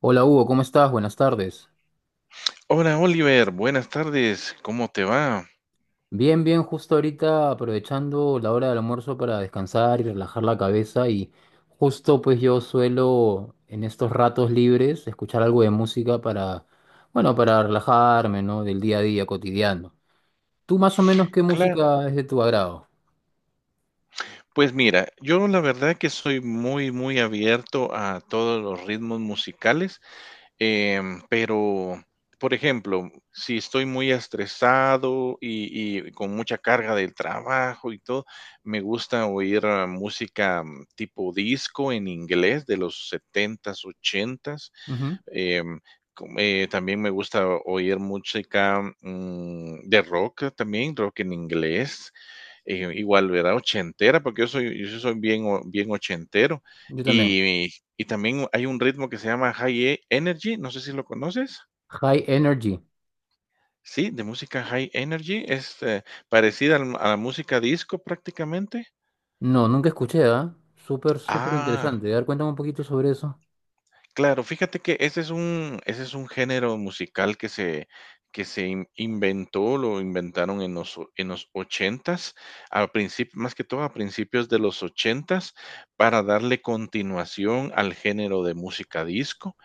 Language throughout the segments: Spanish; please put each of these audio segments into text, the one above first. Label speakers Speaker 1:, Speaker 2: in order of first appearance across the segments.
Speaker 1: Hola Hugo, ¿cómo estás? Buenas tardes.
Speaker 2: Hola Oliver, buenas tardes, ¿cómo te va?
Speaker 1: Bien, bien, justo ahorita aprovechando la hora del almuerzo para descansar y relajar la cabeza. Y justo, pues, yo suelo en estos ratos libres escuchar algo de música para, bueno, para relajarme, ¿no? Del día a día cotidiano. ¿Tú más o menos qué
Speaker 2: Claro,
Speaker 1: música es de tu agrado?
Speaker 2: pues mira, yo la verdad que soy muy, muy abierto a todos los ritmos musicales, pero, por ejemplo, si estoy muy estresado y con mucha carga del trabajo y todo, me gusta oír música, tipo disco en inglés de los setentas, ochentas.
Speaker 1: Ujú.
Speaker 2: Em, También me gusta oír música, de rock también, rock en inglés, igual, ¿verdad? Ochentera, porque yo soy, yo sí soy bien ochentero.
Speaker 1: Yo también.
Speaker 2: Y, y también hay un ritmo que se llama High Energy, no sé si lo conoces.
Speaker 1: High Energy.
Speaker 2: Sí, de música High Energy, es parecida a la música disco prácticamente.
Speaker 1: No, nunca escuché, ¿ah? Súper, súper
Speaker 2: Ah.
Speaker 1: interesante. A ver, cuéntame un poquito sobre eso.
Speaker 2: Claro, fíjate que ese es un género musical que se inventó, lo inventaron en los ochentas, al principio, más que todo a principios de los ochentas para darle continuación al género de música disco.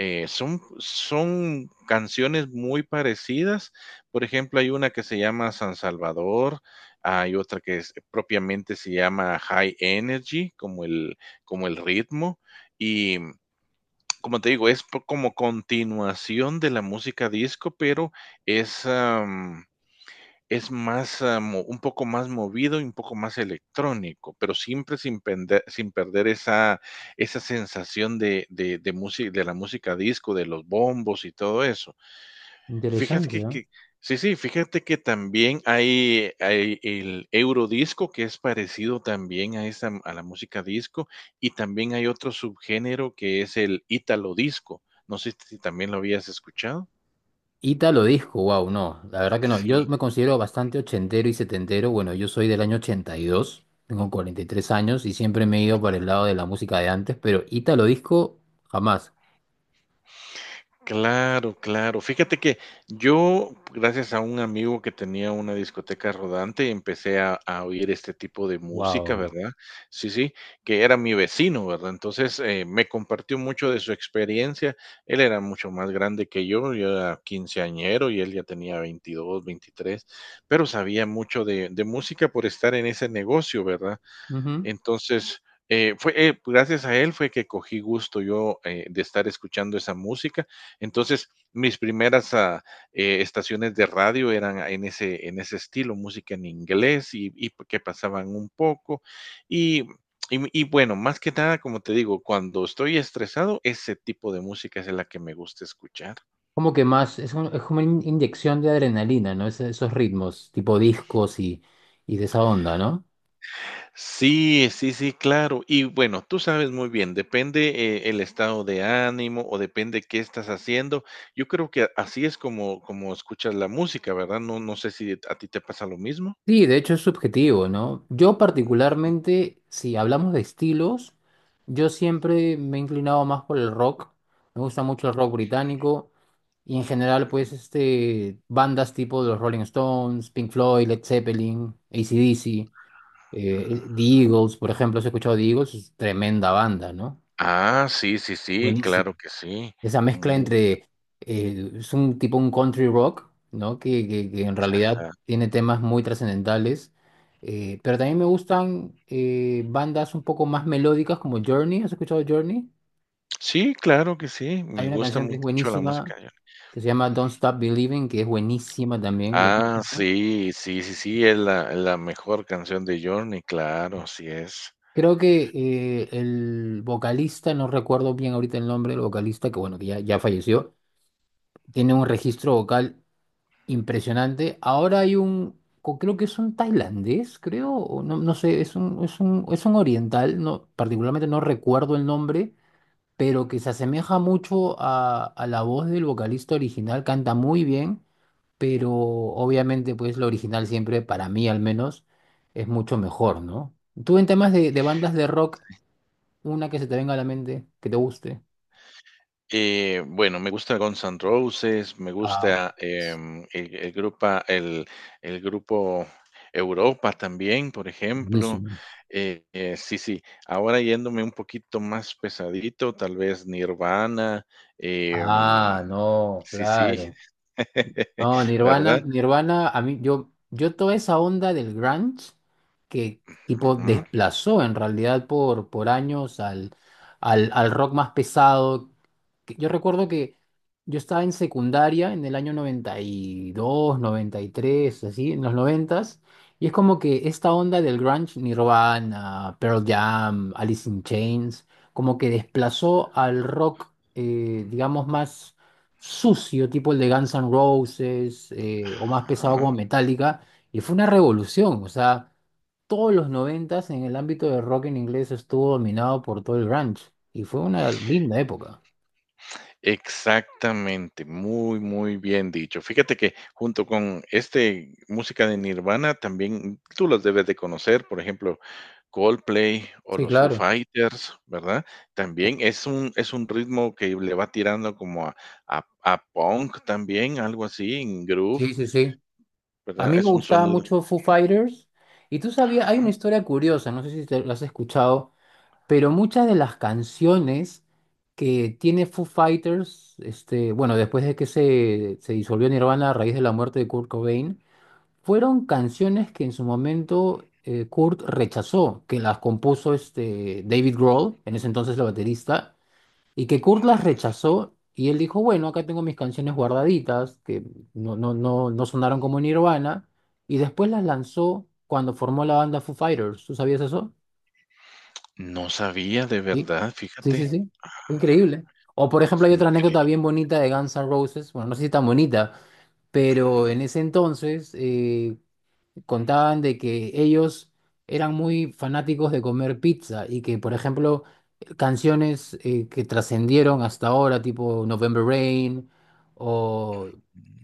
Speaker 2: Son canciones muy parecidas. Por ejemplo, hay una que se llama San Salvador, hay otra que propiamente se llama High Energy, como el ritmo. Como te digo, es po como continuación de la música disco, pero es, am, es más, ah, mo un poco más movido y un poco más electrónico, pero siempre sin perder esa sensación de la música disco, de los bombos y todo eso. Fíjate
Speaker 1: Interesante, ¿ah?
Speaker 2: que sí, sí, fíjate que también hay el eurodisco, que es parecido también a la música disco, y también hay otro subgénero que es el ítalo disco. No sé si también lo habías escuchado.
Speaker 1: Ítalo disco, wow, no, la verdad que no. Yo me considero bastante ochentero y setentero. Bueno, yo soy del año 82, tengo 43 años y siempre me he ido para el lado de la música de antes, pero ítalo disco, jamás.
Speaker 2: Claro, claro. Fíjate que yo, gracias a un amigo que tenía una discoteca rodante, empecé a oír este tipo de música,
Speaker 1: Wow.
Speaker 2: ¿verdad? Sí, sí, que era mi vecino, ¿verdad? Entonces me compartió mucho de su experiencia. Él era mucho más grande que yo era quinceañero y él ya tenía 22, 23, pero sabía mucho de música por estar en ese negocio, ¿verdad?
Speaker 1: Ujú.
Speaker 2: Entonces, fue gracias a él fue que cogí gusto yo de estar escuchando esa música. Entonces, mis primeras estaciones de radio eran en ese estilo, música en inglés y que pasaban un poco. Y, y bueno, más que nada, como te digo, cuando estoy estresado, ese tipo de música es la que me gusta escuchar.
Speaker 1: Como que más, es, es como una inyección de adrenalina, ¿no? Esos ritmos, tipo discos y de esa onda, ¿no?
Speaker 2: Sí, sí, sí, claro. Y bueno, tú sabes muy bien, depende el estado de ánimo o depende qué estás haciendo. Yo creo que así es como escuchas la música, ¿verdad? No, no sé si a ti te pasa lo mismo.
Speaker 1: Sí, de hecho es subjetivo, ¿no? Yo particularmente, si hablamos de estilos, yo siempre me he inclinado más por el rock. Me gusta mucho el rock británico y en general, pues, este, bandas tipo de los Rolling Stones, Pink Floyd, Led Zeppelin, AC/DC, The
Speaker 2: Ajá.
Speaker 1: Eagles, por ejemplo. ¿Has escuchado The Eagles? Es tremenda banda, ¿no?
Speaker 2: Ah, sí, sí, sí,
Speaker 1: Buenísimo
Speaker 2: claro que sí.
Speaker 1: esa mezcla
Speaker 2: Mu-
Speaker 1: entre, es un tipo un country rock, ¿no? Que en realidad
Speaker 2: ajá.
Speaker 1: tiene temas muy trascendentales. Pero también me gustan bandas un poco más melódicas como Journey. ¿Has escuchado Journey?
Speaker 2: Sí, claro que sí.
Speaker 1: Hay
Speaker 2: Me
Speaker 1: una
Speaker 2: gusta
Speaker 1: canción que es
Speaker 2: mucho la música
Speaker 1: buenísima,
Speaker 2: de Journey.
Speaker 1: que se llama Don't Stop Believing, que es buenísima también,
Speaker 2: Ah,
Speaker 1: buenísima.
Speaker 2: sí, sí, sí, sí, es la mejor canción de Journey, claro, así es.
Speaker 1: Creo que el vocalista, no recuerdo bien ahorita el nombre del vocalista, que bueno, que ya falleció, tiene un registro vocal impresionante. Ahora hay un, creo que es un tailandés, creo, o no, no sé, es un oriental, no, particularmente no recuerdo el nombre, pero que se asemeja mucho a la voz del vocalista original, canta muy bien, pero obviamente pues lo original siempre, para mí al menos, es mucho mejor, ¿no? Tú en temas de bandas de rock, una que se te venga a la mente, que te guste.
Speaker 2: Bueno, me gusta Guns N' Roses, me
Speaker 1: Ah,
Speaker 2: gusta el grupo Europa también, por ejemplo.
Speaker 1: buenísimo.
Speaker 2: Sí, sí, ahora yéndome un poquito más pesadito, tal vez Nirvana.
Speaker 1: Ah,
Speaker 2: em,
Speaker 1: no,
Speaker 2: sí, sí,
Speaker 1: claro. No, Nirvana,
Speaker 2: ¿verdad?
Speaker 1: Nirvana, a mí, yo toda esa onda del grunge que tipo
Speaker 2: Ujú,
Speaker 1: desplazó en realidad por años al, al rock más pesado que- Yo recuerdo que yo estaba en secundaria en el año noventa noventa y dos noventa y tres así, en los noventas, y es como que esta onda del grunge, Nirvana, Pearl Jam, Alice in Chains, como que desplazó al rock, digamos, más sucio, tipo el de Guns N' Roses, o más pesado como
Speaker 2: ajá.
Speaker 1: Metallica, y fue una revolución, o sea, todos los noventas en el ámbito del rock en inglés estuvo dominado por todo el grunge, y fue una linda época.
Speaker 2: Exactamente, muy, muy bien dicho. Fíjate que junto con este música de Nirvana también tú los debes de conocer, por ejemplo, Coldplay o
Speaker 1: Sí,
Speaker 2: los Foo
Speaker 1: claro.
Speaker 2: Fighters, ¿verdad? También es un ritmo que le va tirando como a punk también, algo así, en groove,
Speaker 1: Sí, sí, sí. A
Speaker 2: ¿verdad?
Speaker 1: mí me
Speaker 2: Es un
Speaker 1: gustaba
Speaker 2: sonido,
Speaker 1: mucho Foo Fighters. Y tú sabías, hay una
Speaker 2: ajá.
Speaker 1: historia curiosa, no sé si te lo has escuchado, pero muchas de las canciones que tiene Foo Fighters, este, bueno, después de que se disolvió Nirvana a raíz de la muerte de Kurt Cobain, fueron canciones que en su momento Kurt rechazó, que las compuso este, David Grohl, en ese entonces el baterista. Y que Kurt las
Speaker 2: mm,
Speaker 1: rechazó y él dijo, bueno, acá tengo mis canciones guardaditas, que no sonaron como Nirvana, y después las lanzó cuando formó la banda Foo Fighters. ¿Tú sabías eso?
Speaker 2: no sabía de
Speaker 1: Sí,
Speaker 2: verdad,
Speaker 1: sí, sí,
Speaker 2: fíjate.
Speaker 1: sí. Fue
Speaker 2: Ah,
Speaker 1: increíble. O por ejemplo,
Speaker 2: es
Speaker 1: hay otra anécdota
Speaker 2: increíble,
Speaker 1: bien bonita de Guns N' Roses, bueno, no sé si tan bonita, pero en
Speaker 2: ujú,
Speaker 1: ese entonces, contaban de que ellos eran muy fanáticos de comer pizza y que, por ejemplo, canciones que trascendieron hasta ahora, tipo November Rain o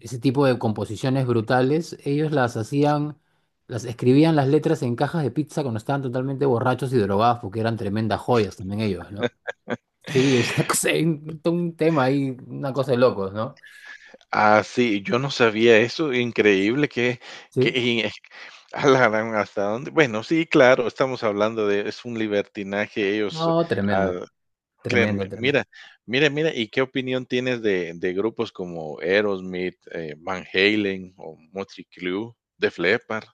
Speaker 1: ese tipo de composiciones brutales, ellos las hacían, las escribían las letras en cajas de pizza cuando estaban totalmente borrachos y drogados, porque eran tremendas joyas también ellos, ¿no? Sí, es una un tema ahí, una cosa de locos, ¿no?
Speaker 2: Ah, sí, yo no sabía eso, increíble que que
Speaker 1: Sí.
Speaker 2: y eh, a la gran, ¿hasta dónde? Bueno, sí, claro, estamos hablando de es un libertinaje, ellos,
Speaker 1: No,
Speaker 2: ah,
Speaker 1: tremendo, tremendo,
Speaker 2: créeme,
Speaker 1: tremendo.
Speaker 2: mira, mira, mira, ¿y qué opinión tienes de grupos como Aerosmith, Van Halen o Motley Crue, Def Leppard?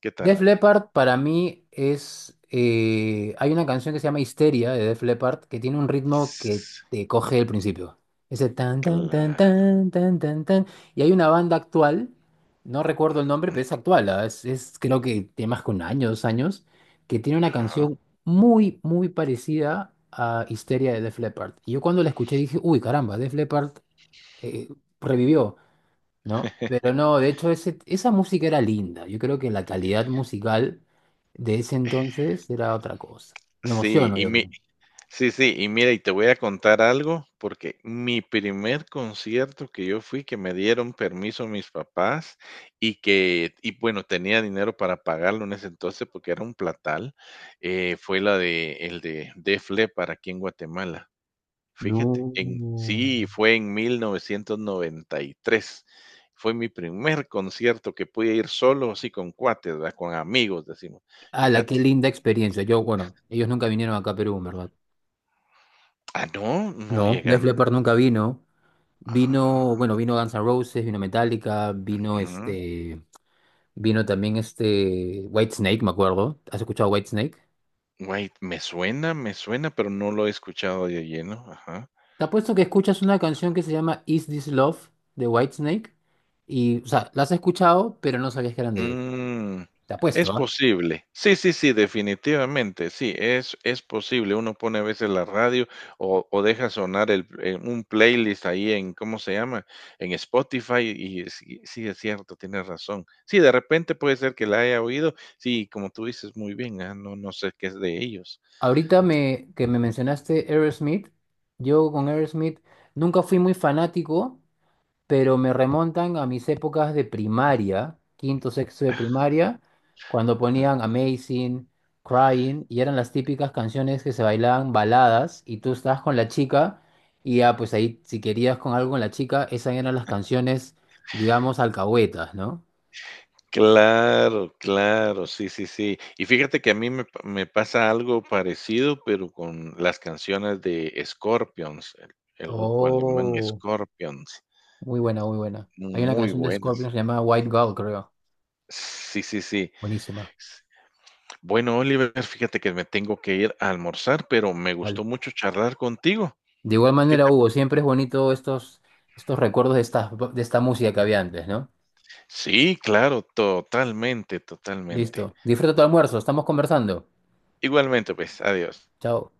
Speaker 2: ¿Qué
Speaker 1: Def
Speaker 2: tal?
Speaker 1: Leppard para mí es... hay una canción que se llama Histeria de Def Leppard que tiene un ritmo que
Speaker 2: S-
Speaker 1: te coge al principio. Ese tan, tan, tan,
Speaker 2: Claro,
Speaker 1: tan, tan, tan, tan. Y hay una banda actual, no recuerdo el nombre, pero es actual, ah, es creo que tiene más que un año, dos años, que tiene una
Speaker 2: ajá.
Speaker 1: canción muy, muy parecida a Histeria de Def Leppard. Y yo cuando la escuché dije, uy, caramba, Def Leppard eh, revivió. ¿No? Pero no, de hecho ese, esa música era linda. Yo creo que la calidad musical de ese entonces era otra cosa. Me
Speaker 2: Sí,
Speaker 1: emociono
Speaker 2: y
Speaker 1: yo con
Speaker 2: mi
Speaker 1: él.
Speaker 2: Sí, sí, y mira, y te voy a contar algo, porque mi primer concierto que yo fui, que me dieron permiso mis papás y que, y bueno, tenía dinero para pagarlo en ese entonces porque era un platal, fue la de, el de Def Leppard aquí en Guatemala. Fíjate,
Speaker 1: No,
Speaker 2: sí, fue en 1993. Fue mi primer concierto que pude ir solo, así con cuates, ¿verdad? Con amigos, decimos.
Speaker 1: la qué
Speaker 2: Fíjate.
Speaker 1: linda experiencia. Yo, bueno, ellos nunca vinieron acá a Perú, en ¿verdad?
Speaker 2: Ah, no, no
Speaker 1: No, Def
Speaker 2: llegan.
Speaker 1: Leppard nunca vino. Vino,
Speaker 2: Ah,
Speaker 1: bueno, vino Guns N' Roses, vino Metallica, vino
Speaker 2: ah.
Speaker 1: este, vino también este Whitesnake, me acuerdo. ¿Has escuchado Whitesnake?
Speaker 2: White, me suena, pero no lo he escuchado de lleno, ajá.
Speaker 1: Te apuesto que escuchas una canción que se llama Is This Love de Whitesnake y, o sea, la has escuchado, pero no sabías que eran de ellos.
Speaker 2: Mm,
Speaker 1: Te
Speaker 2: es
Speaker 1: apuesto, ¿ah?
Speaker 2: posible. Sí, sí, sí, definitivamente, sí, es posible. Uno pone a veces la radio o deja sonar el un playlist ahí en, ¿cómo se llama? En Spotify y sí, sí, es cierto, tienes razón. Sí, de repente puede ser que la haya oído. Sí, como tú dices muy bien, no sé qué es de ellos.
Speaker 1: Ahorita me, que me mencionaste Aerosmith, yo con Aerosmith nunca fui muy fanático, pero me remontan a mis épocas de primaria, quinto, sexto de primaria, cuando ponían Amazing, Crying, y eran las típicas canciones que se bailaban baladas, y tú estabas con la chica, y ya pues ahí si querías con algo con la chica, esas eran las canciones, digamos, alcahuetas, ¿no?
Speaker 2: Claro, claro, sí, sí, sí. Y fíjate que a mí me pasa algo parecido, pero con las canciones de Scorpions, el grupo alemán
Speaker 1: Oh,
Speaker 2: Scorpions,
Speaker 1: muy buena, muy buena. Hay una
Speaker 2: muy
Speaker 1: canción de
Speaker 2: buenas.
Speaker 1: Scorpions llamada White Girl, creo.
Speaker 2: Sí, sí, sí.
Speaker 1: Buenísima.
Speaker 2: S- Bueno, Oliver, fíjate que me tengo que ir a almorzar, pero me
Speaker 1: Vale.
Speaker 2: gustó mucho charlar contigo.
Speaker 1: De igual
Speaker 2: ¿Qué
Speaker 1: manera,
Speaker 2: te-
Speaker 1: Hugo, siempre es bonito estos, estos recuerdos de esta música que había antes, ¿no?
Speaker 2: Sí, claro, totalmente, totalmente.
Speaker 1: Listo. Disfruta tu almuerzo. Estamos conversando.
Speaker 2: Igualmente, pues, adiós.
Speaker 1: Chao.